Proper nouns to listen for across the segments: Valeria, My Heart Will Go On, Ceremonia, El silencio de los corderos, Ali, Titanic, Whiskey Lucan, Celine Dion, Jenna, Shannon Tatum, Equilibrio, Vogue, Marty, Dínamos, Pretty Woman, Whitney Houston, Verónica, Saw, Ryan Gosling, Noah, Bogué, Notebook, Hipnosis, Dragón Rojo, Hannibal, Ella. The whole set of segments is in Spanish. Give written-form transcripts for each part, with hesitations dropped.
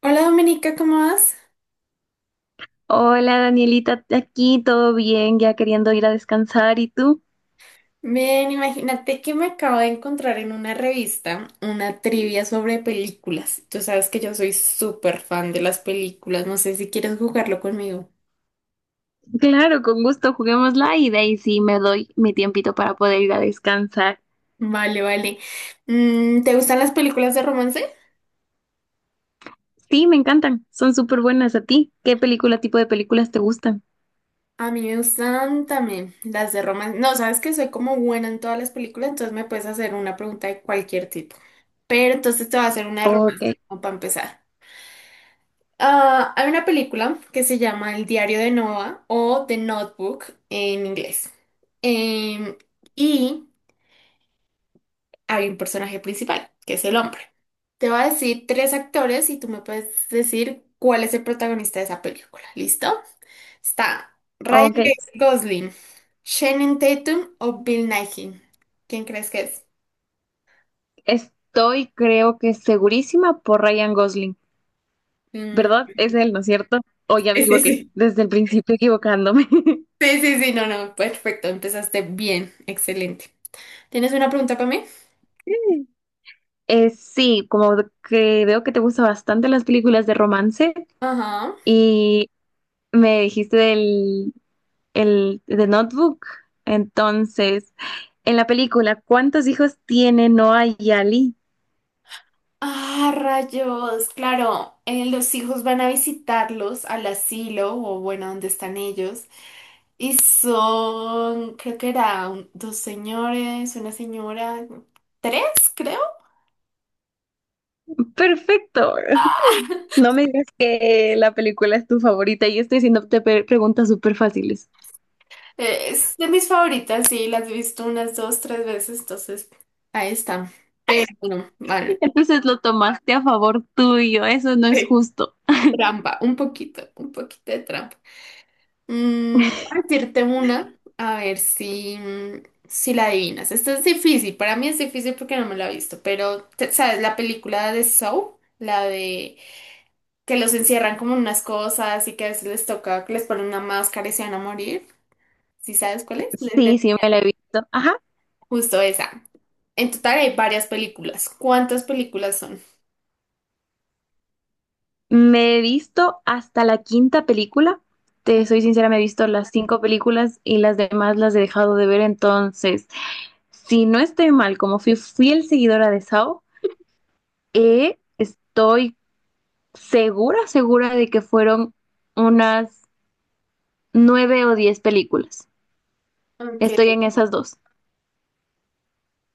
Hola Dominica, ¿cómo vas? Hola Danielita, aquí todo bien, ya queriendo ir a descansar. ¿Y tú? Bien, imagínate que me acabo de encontrar en una revista una trivia sobre películas. Tú sabes que yo soy súper fan de las películas, no sé si quieres jugarlo conmigo. Claro, con gusto, juguémosla y de ahí sí me doy mi tiempito para poder ir a descansar. Vale, vale. ¿Te gustan las películas de romance? Sí, me encantan, son súper buenas a ti. ¿Qué película, tipo de películas te gustan? A mí me gustan también las de romance. No, sabes que soy como buena en todas las películas, entonces me puedes hacer una pregunta de cualquier tipo. Pero entonces te voy a hacer una de Ok, romance, como para empezar. Ah, hay una película que se llama El diario de Noah o The Notebook en inglés. Em, y hay un personaje principal, que es el hombre. Te voy a decir tres actores y tú me puedes decir cuál es el protagonista de esa película. ¿Listo? Está Ryan ok. Gosling, Shannon Tatum o Bill Nighy. ¿Quién crees que es? Creo que segurísima por Ryan Gosling, Mm, ¿verdad? Es él, ¿no es cierto? O ya me sí, sí, equivoqué, sí. desde el principio equivocándome. Sí, sí, sí, no, no. Perfecto, empezaste bien. Excelente. ¿Tienes una pregunta para mí? Sí, como que veo que te gustan bastante las películas de romance. Ajá. Y me dijiste del el, de Notebook. Entonces, en la película, ¿cuántos hijos tiene Noah y Ali? Ah, rayos, claro, los hijos van a visitarlos al asilo o bueno, donde están ellos. Y son, creo que eran dos señores, una señora, tres, creo. Perfecto. Ah, No me digas que la película es tu favorita. Yo estoy haciéndote preguntas súper fáciles. Es de mis favoritas, sí, las he visto unas dos, tres veces, entonces ahí están. Pero bueno, vale. Entonces lo tomaste a favor tuyo. Eso no es justo. Trampa, un poquito de trampa. Voy a decirte una, a ver si, si la adivinas. Esto es difícil, para mí es difícil porque no me la he visto, pero ¿sabes la película de Saw? La de que los encierran como en unas cosas y que a veces les toca que les ponen una máscara y se van a morir. ¿Sí sabes cuál es? Sí, sí, me la he visto. Ajá. Justo esa. En total hay varias películas. ¿Cuántas películas son? Me he visto hasta la quinta película. Te soy sincera, me he visto las cinco películas y las demás las he dejado de ver. Entonces, si no estoy mal, como fui fiel seguidora de Sao, estoy segura, segura de que fueron unas 9 o 10 películas. Ok. Estoy en esas dos.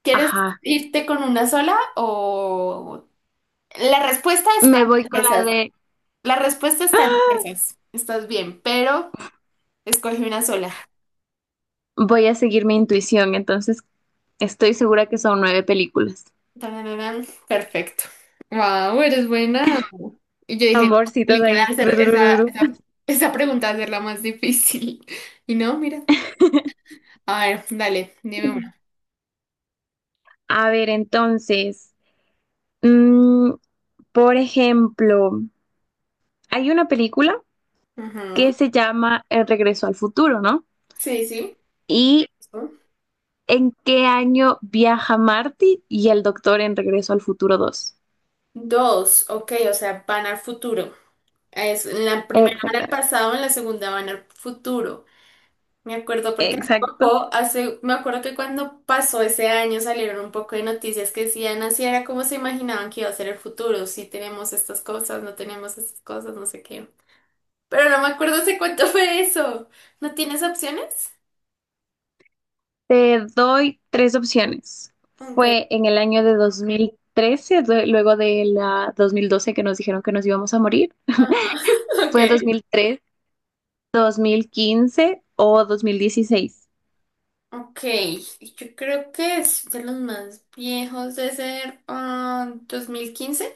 ¿Quieres Ajá. irte con una sola o...? La respuesta está Me voy en con la esas. de La respuesta está en esas. Estás bien, pero escogí una sola. voy a seguir mi intuición, entonces estoy segura que son nueve películas. Tarararán. Perfecto. Wow, eres buena. Y yo dije, no, Amorcitos película, ahí. hacer Tururururu. Esa pregunta, hacerla más difícil. Y no, mira. A ver, dale, dime una. A ver, entonces, mm, por ejemplo, hay una película Ajá. que se llama El regreso al futuro, ¿no? Sí, sí. Y ¿en qué año viaja Marty y el doctor en Regreso al Futuro dos? Dos, ok, o sea, van al futuro. Es, en la primera van al Exactamente. pasado, en la segunda van al futuro. Me acuerdo porque hace Exacto. poco, hace, me acuerdo que cuando pasó ese año salieron un poco de noticias que decían así era como se imaginaban que iba a ser el futuro, si tenemos estas cosas, no tenemos estas cosas, no sé qué. Pero no me acuerdo hace cuánto fue eso. ¿No tienes opciones? Te doy tres opciones. Ok. Fue en el año de 2013, luego de la 2012 que nos dijeron que nos íbamos a morir. Ajá. Ok. Fue en 2003, 2015 o 2016. Ok. Yo creo que es de los más viejos de ser ah, 2015.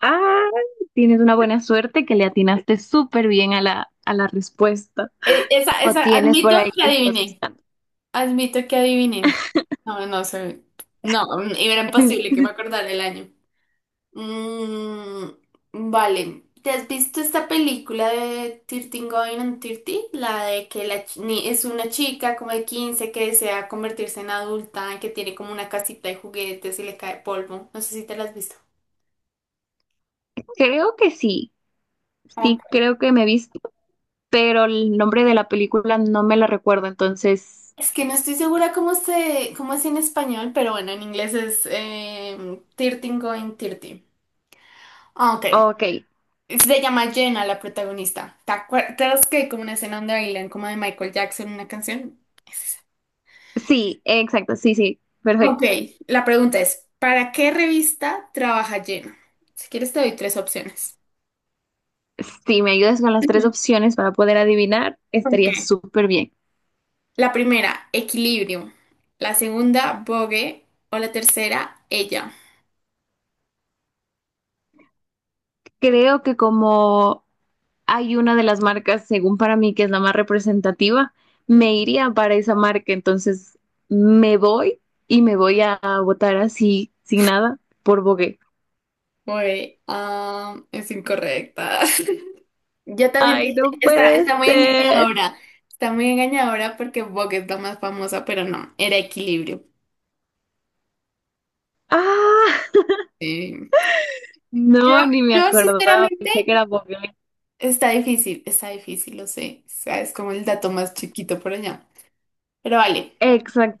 Ah, tienes una buena suerte que le atinaste súper bien a la respuesta. O tienes por Admito ahí que que estás adiviné. buscando. Admito que adiviné. No, no sé. No, era imposible que me acordara el año. Vale. ¿Te has visto esta película de 13 Going on 30? La de que la ch- ni- es una chica como de 15 que desea convertirse en adulta, que tiene como una casita de juguetes y le cae polvo. No sé si te la has visto. Creo que sí. Ok. Sí, creo que me he visto pero el nombre de la película no me la recuerdo, entonces, Es que no estoy segura cómo se, cómo es en español, pero bueno, en inglés es 13 Going 30. Ah, ok. ok, Se llama Jenna la protagonista. ¿Te acuerdas que hay como una escena donde bailan como de Michael Jackson una canción? Es esa. sí, exacto, sí, sí, Ok, perfecto. la pregunta es, ¿para qué revista trabaja Jenna? Si quieres te doy tres opciones. Si me ayudas con las tres opciones para poder adivinar, Ok. estaría súper bien. La primera, Equilibrio. La segunda, Vogue. O la tercera, Ella. Creo que como hay una de las marcas, según para mí, que es la más representativa, me iría para esa marca, entonces me voy y me voy a votar así, sin nada, por Bogué. Vogue, ah, es incorrecta. Yo también Ay, dije, no puede está muy ser. engañadora. Está muy engañadora porque Vogue es la más famosa, pero no, era Equilibrio. Ah, Sí. Yo, no, ni me yo acordaba, sinceramente, pensé que era Bogué. Está difícil, lo sé. O sea, es como el dato más chiquito por allá. Pero vale.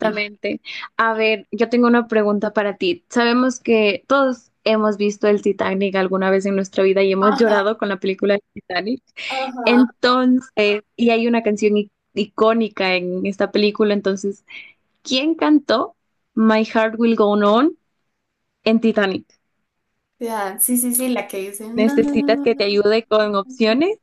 Sí. A ver, yo tengo una pregunta para ti. Sabemos que todos hemos visto el Titanic alguna vez en nuestra vida y hemos Ajá, llorado con la película del Titanic. ajá. Entonces, y hay una canción icónica en esta película, entonces, ¿quién cantó My Heart Will Go On en Titanic? Ya, sí, sí, sí, la que dice ¿Necesitas no. que te ayude con opciones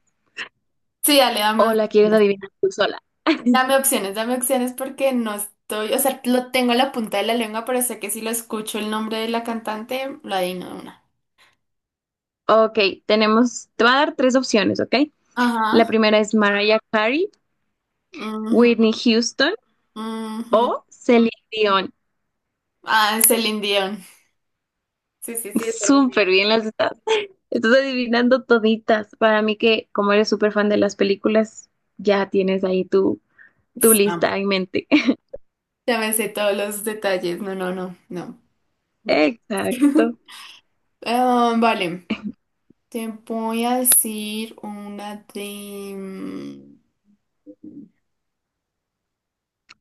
Sí, dale, o dame, la quieres adivinar tú sola? Dame opciones porque no estoy, o sea, lo tengo a la punta de la lengua, pero sé que si lo escucho el nombre de la cantante, lo adivino de una. Ok, tenemos, te voy a dar tres opciones, ¿ok? La Ajá. primera es Mariah Carey, Ujú, Whitney Houston ujú. o Celine Dion. Ah, es Celine Dion. Sí, sí, sí, es Celine Súper Dion. bien las estás. Estás adivinando toditas. Para mí que como eres súper fan de las películas, ya tienes ahí tu Sí. lista en mente. Ya me sé todos los detalles. No, no, no, no. No. Exacto. Ah, vale, te voy a decir una de...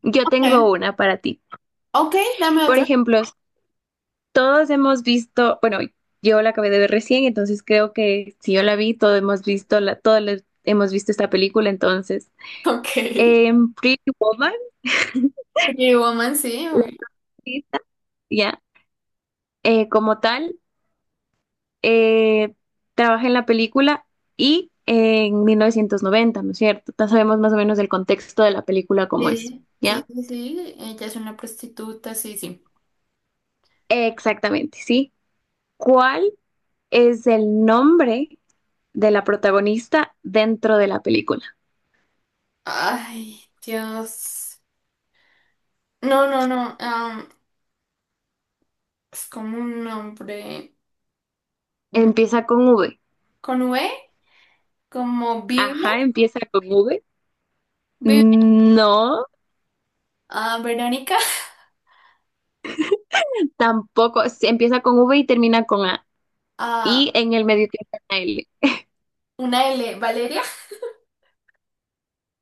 Yo Ok, tengo una para ti. ok, dame Por otra. ejemplo, todos hemos visto, bueno, yo la acabé de ver recién, entonces creo que si yo la vi, todos hemos visto la, todos hemos visto esta película, entonces. Ok. En Pretty Woman, Pretty Woman, sí, la obvio. artista, ya, como tal. eh, trabaja en la película y en 1990, ¿no es cierto? Ya sabemos más o menos el contexto de la película como es, Sí, sí, ¿ya? sí, sí, ella es una prostituta, sí, sí. Exactamente, sí. ¿Cuál es el nombre de la protagonista dentro de la película? Ay, Dios. No, no, no. Es como un nombre, mm, Empieza con V. con V, como Vivian, Ajá, empieza con V. Vivian, No, ah, Verónica, tampoco. Sí, empieza con V y termina con A. Y ah, en el medio tiene una L. una L, Valeria.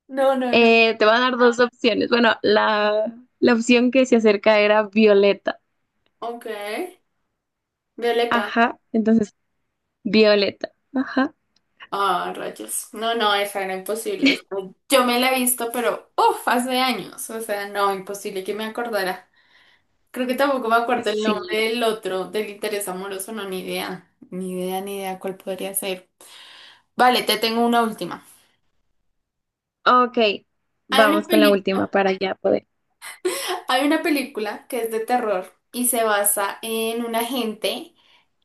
No, no, no. Te va a dar dos opciones. Bueno, la opción que se acerca era Violeta. Ok. Violeta. Ajá, entonces violeta. Ajá, Ah, rayos. No, no, esa era imposible. Yo me la he visto, pero uff, hace años. O sea, no, imposible que me acordara. Creo que tampoco me acuerdo el nombre sí. del otro, del interés amoroso, no, ni idea. Ni idea, ni idea cuál podría ser. Vale, te tengo una última. Ok, Hay una vamos con la última película, para ya poder. hay una película que es de terror y se basa en un agente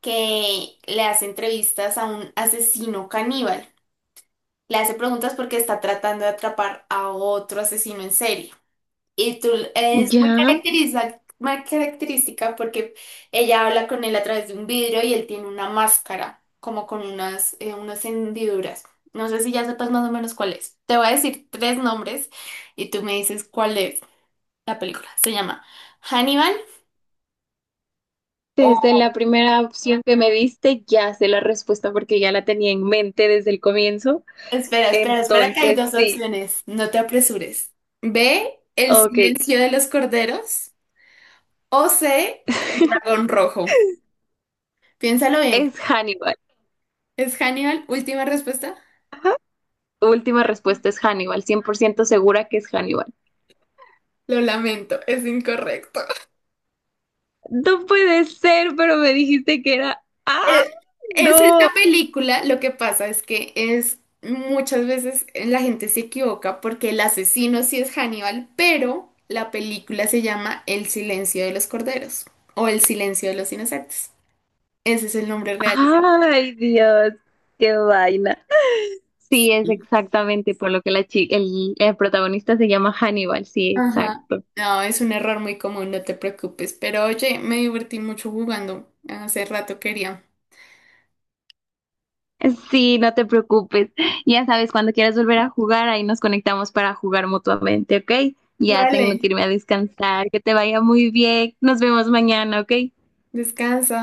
que le hace entrevistas a un asesino caníbal. Le hace preguntas porque está tratando de atrapar a otro asesino en serie. Y tú es muy Ya, muy característica porque ella habla con él a través de un vidrio y él tiene una máscara, como con unas, unas hendiduras. No sé si ya sepas más o menos cuál es. Te voy a decir tres nombres y tú me dices cuál es la película. Se llama Hannibal desde o... la primera opción que me diste, ya sé la respuesta porque ya la tenía en mente desde el comienzo. Espera, espera, espera que hay Entonces, dos sí. opciones. No te apresures. B, El Ok, silencio de los corderos, o C, Dragón Rojo. Piénsalo bien. es Hannibal. ¿Es Hannibal última respuesta? Última respuesta es Hannibal, 100% segura que es Hannibal. Lo lamento, es incorrecto. No puede ser, pero me dijiste que era... ¡Ah, Eh, Es no! esta película, lo que pasa es que es muchas veces la gente se equivoca porque el asesino sí es Hannibal, pero la película se llama El silencio de los corderos o El silencio de los inocentes. Ese es el nombre real. ¡Ay, Dios! ¡Qué vaina! Sí, es exactamente por lo que la el protagonista se llama Hannibal, sí, Ajá. exacto. No, es un error muy común, no te preocupes. Pero oye, me divertí mucho jugando. Hace rato quería. Sí, no te preocupes. Ya sabes, cuando quieras volver a jugar, ahí nos conectamos para jugar mutuamente, ¿ok? Ya Vale, tengo que irme a descansar, que te vaya muy bien. Nos vemos mañana, ¿ok? descansa.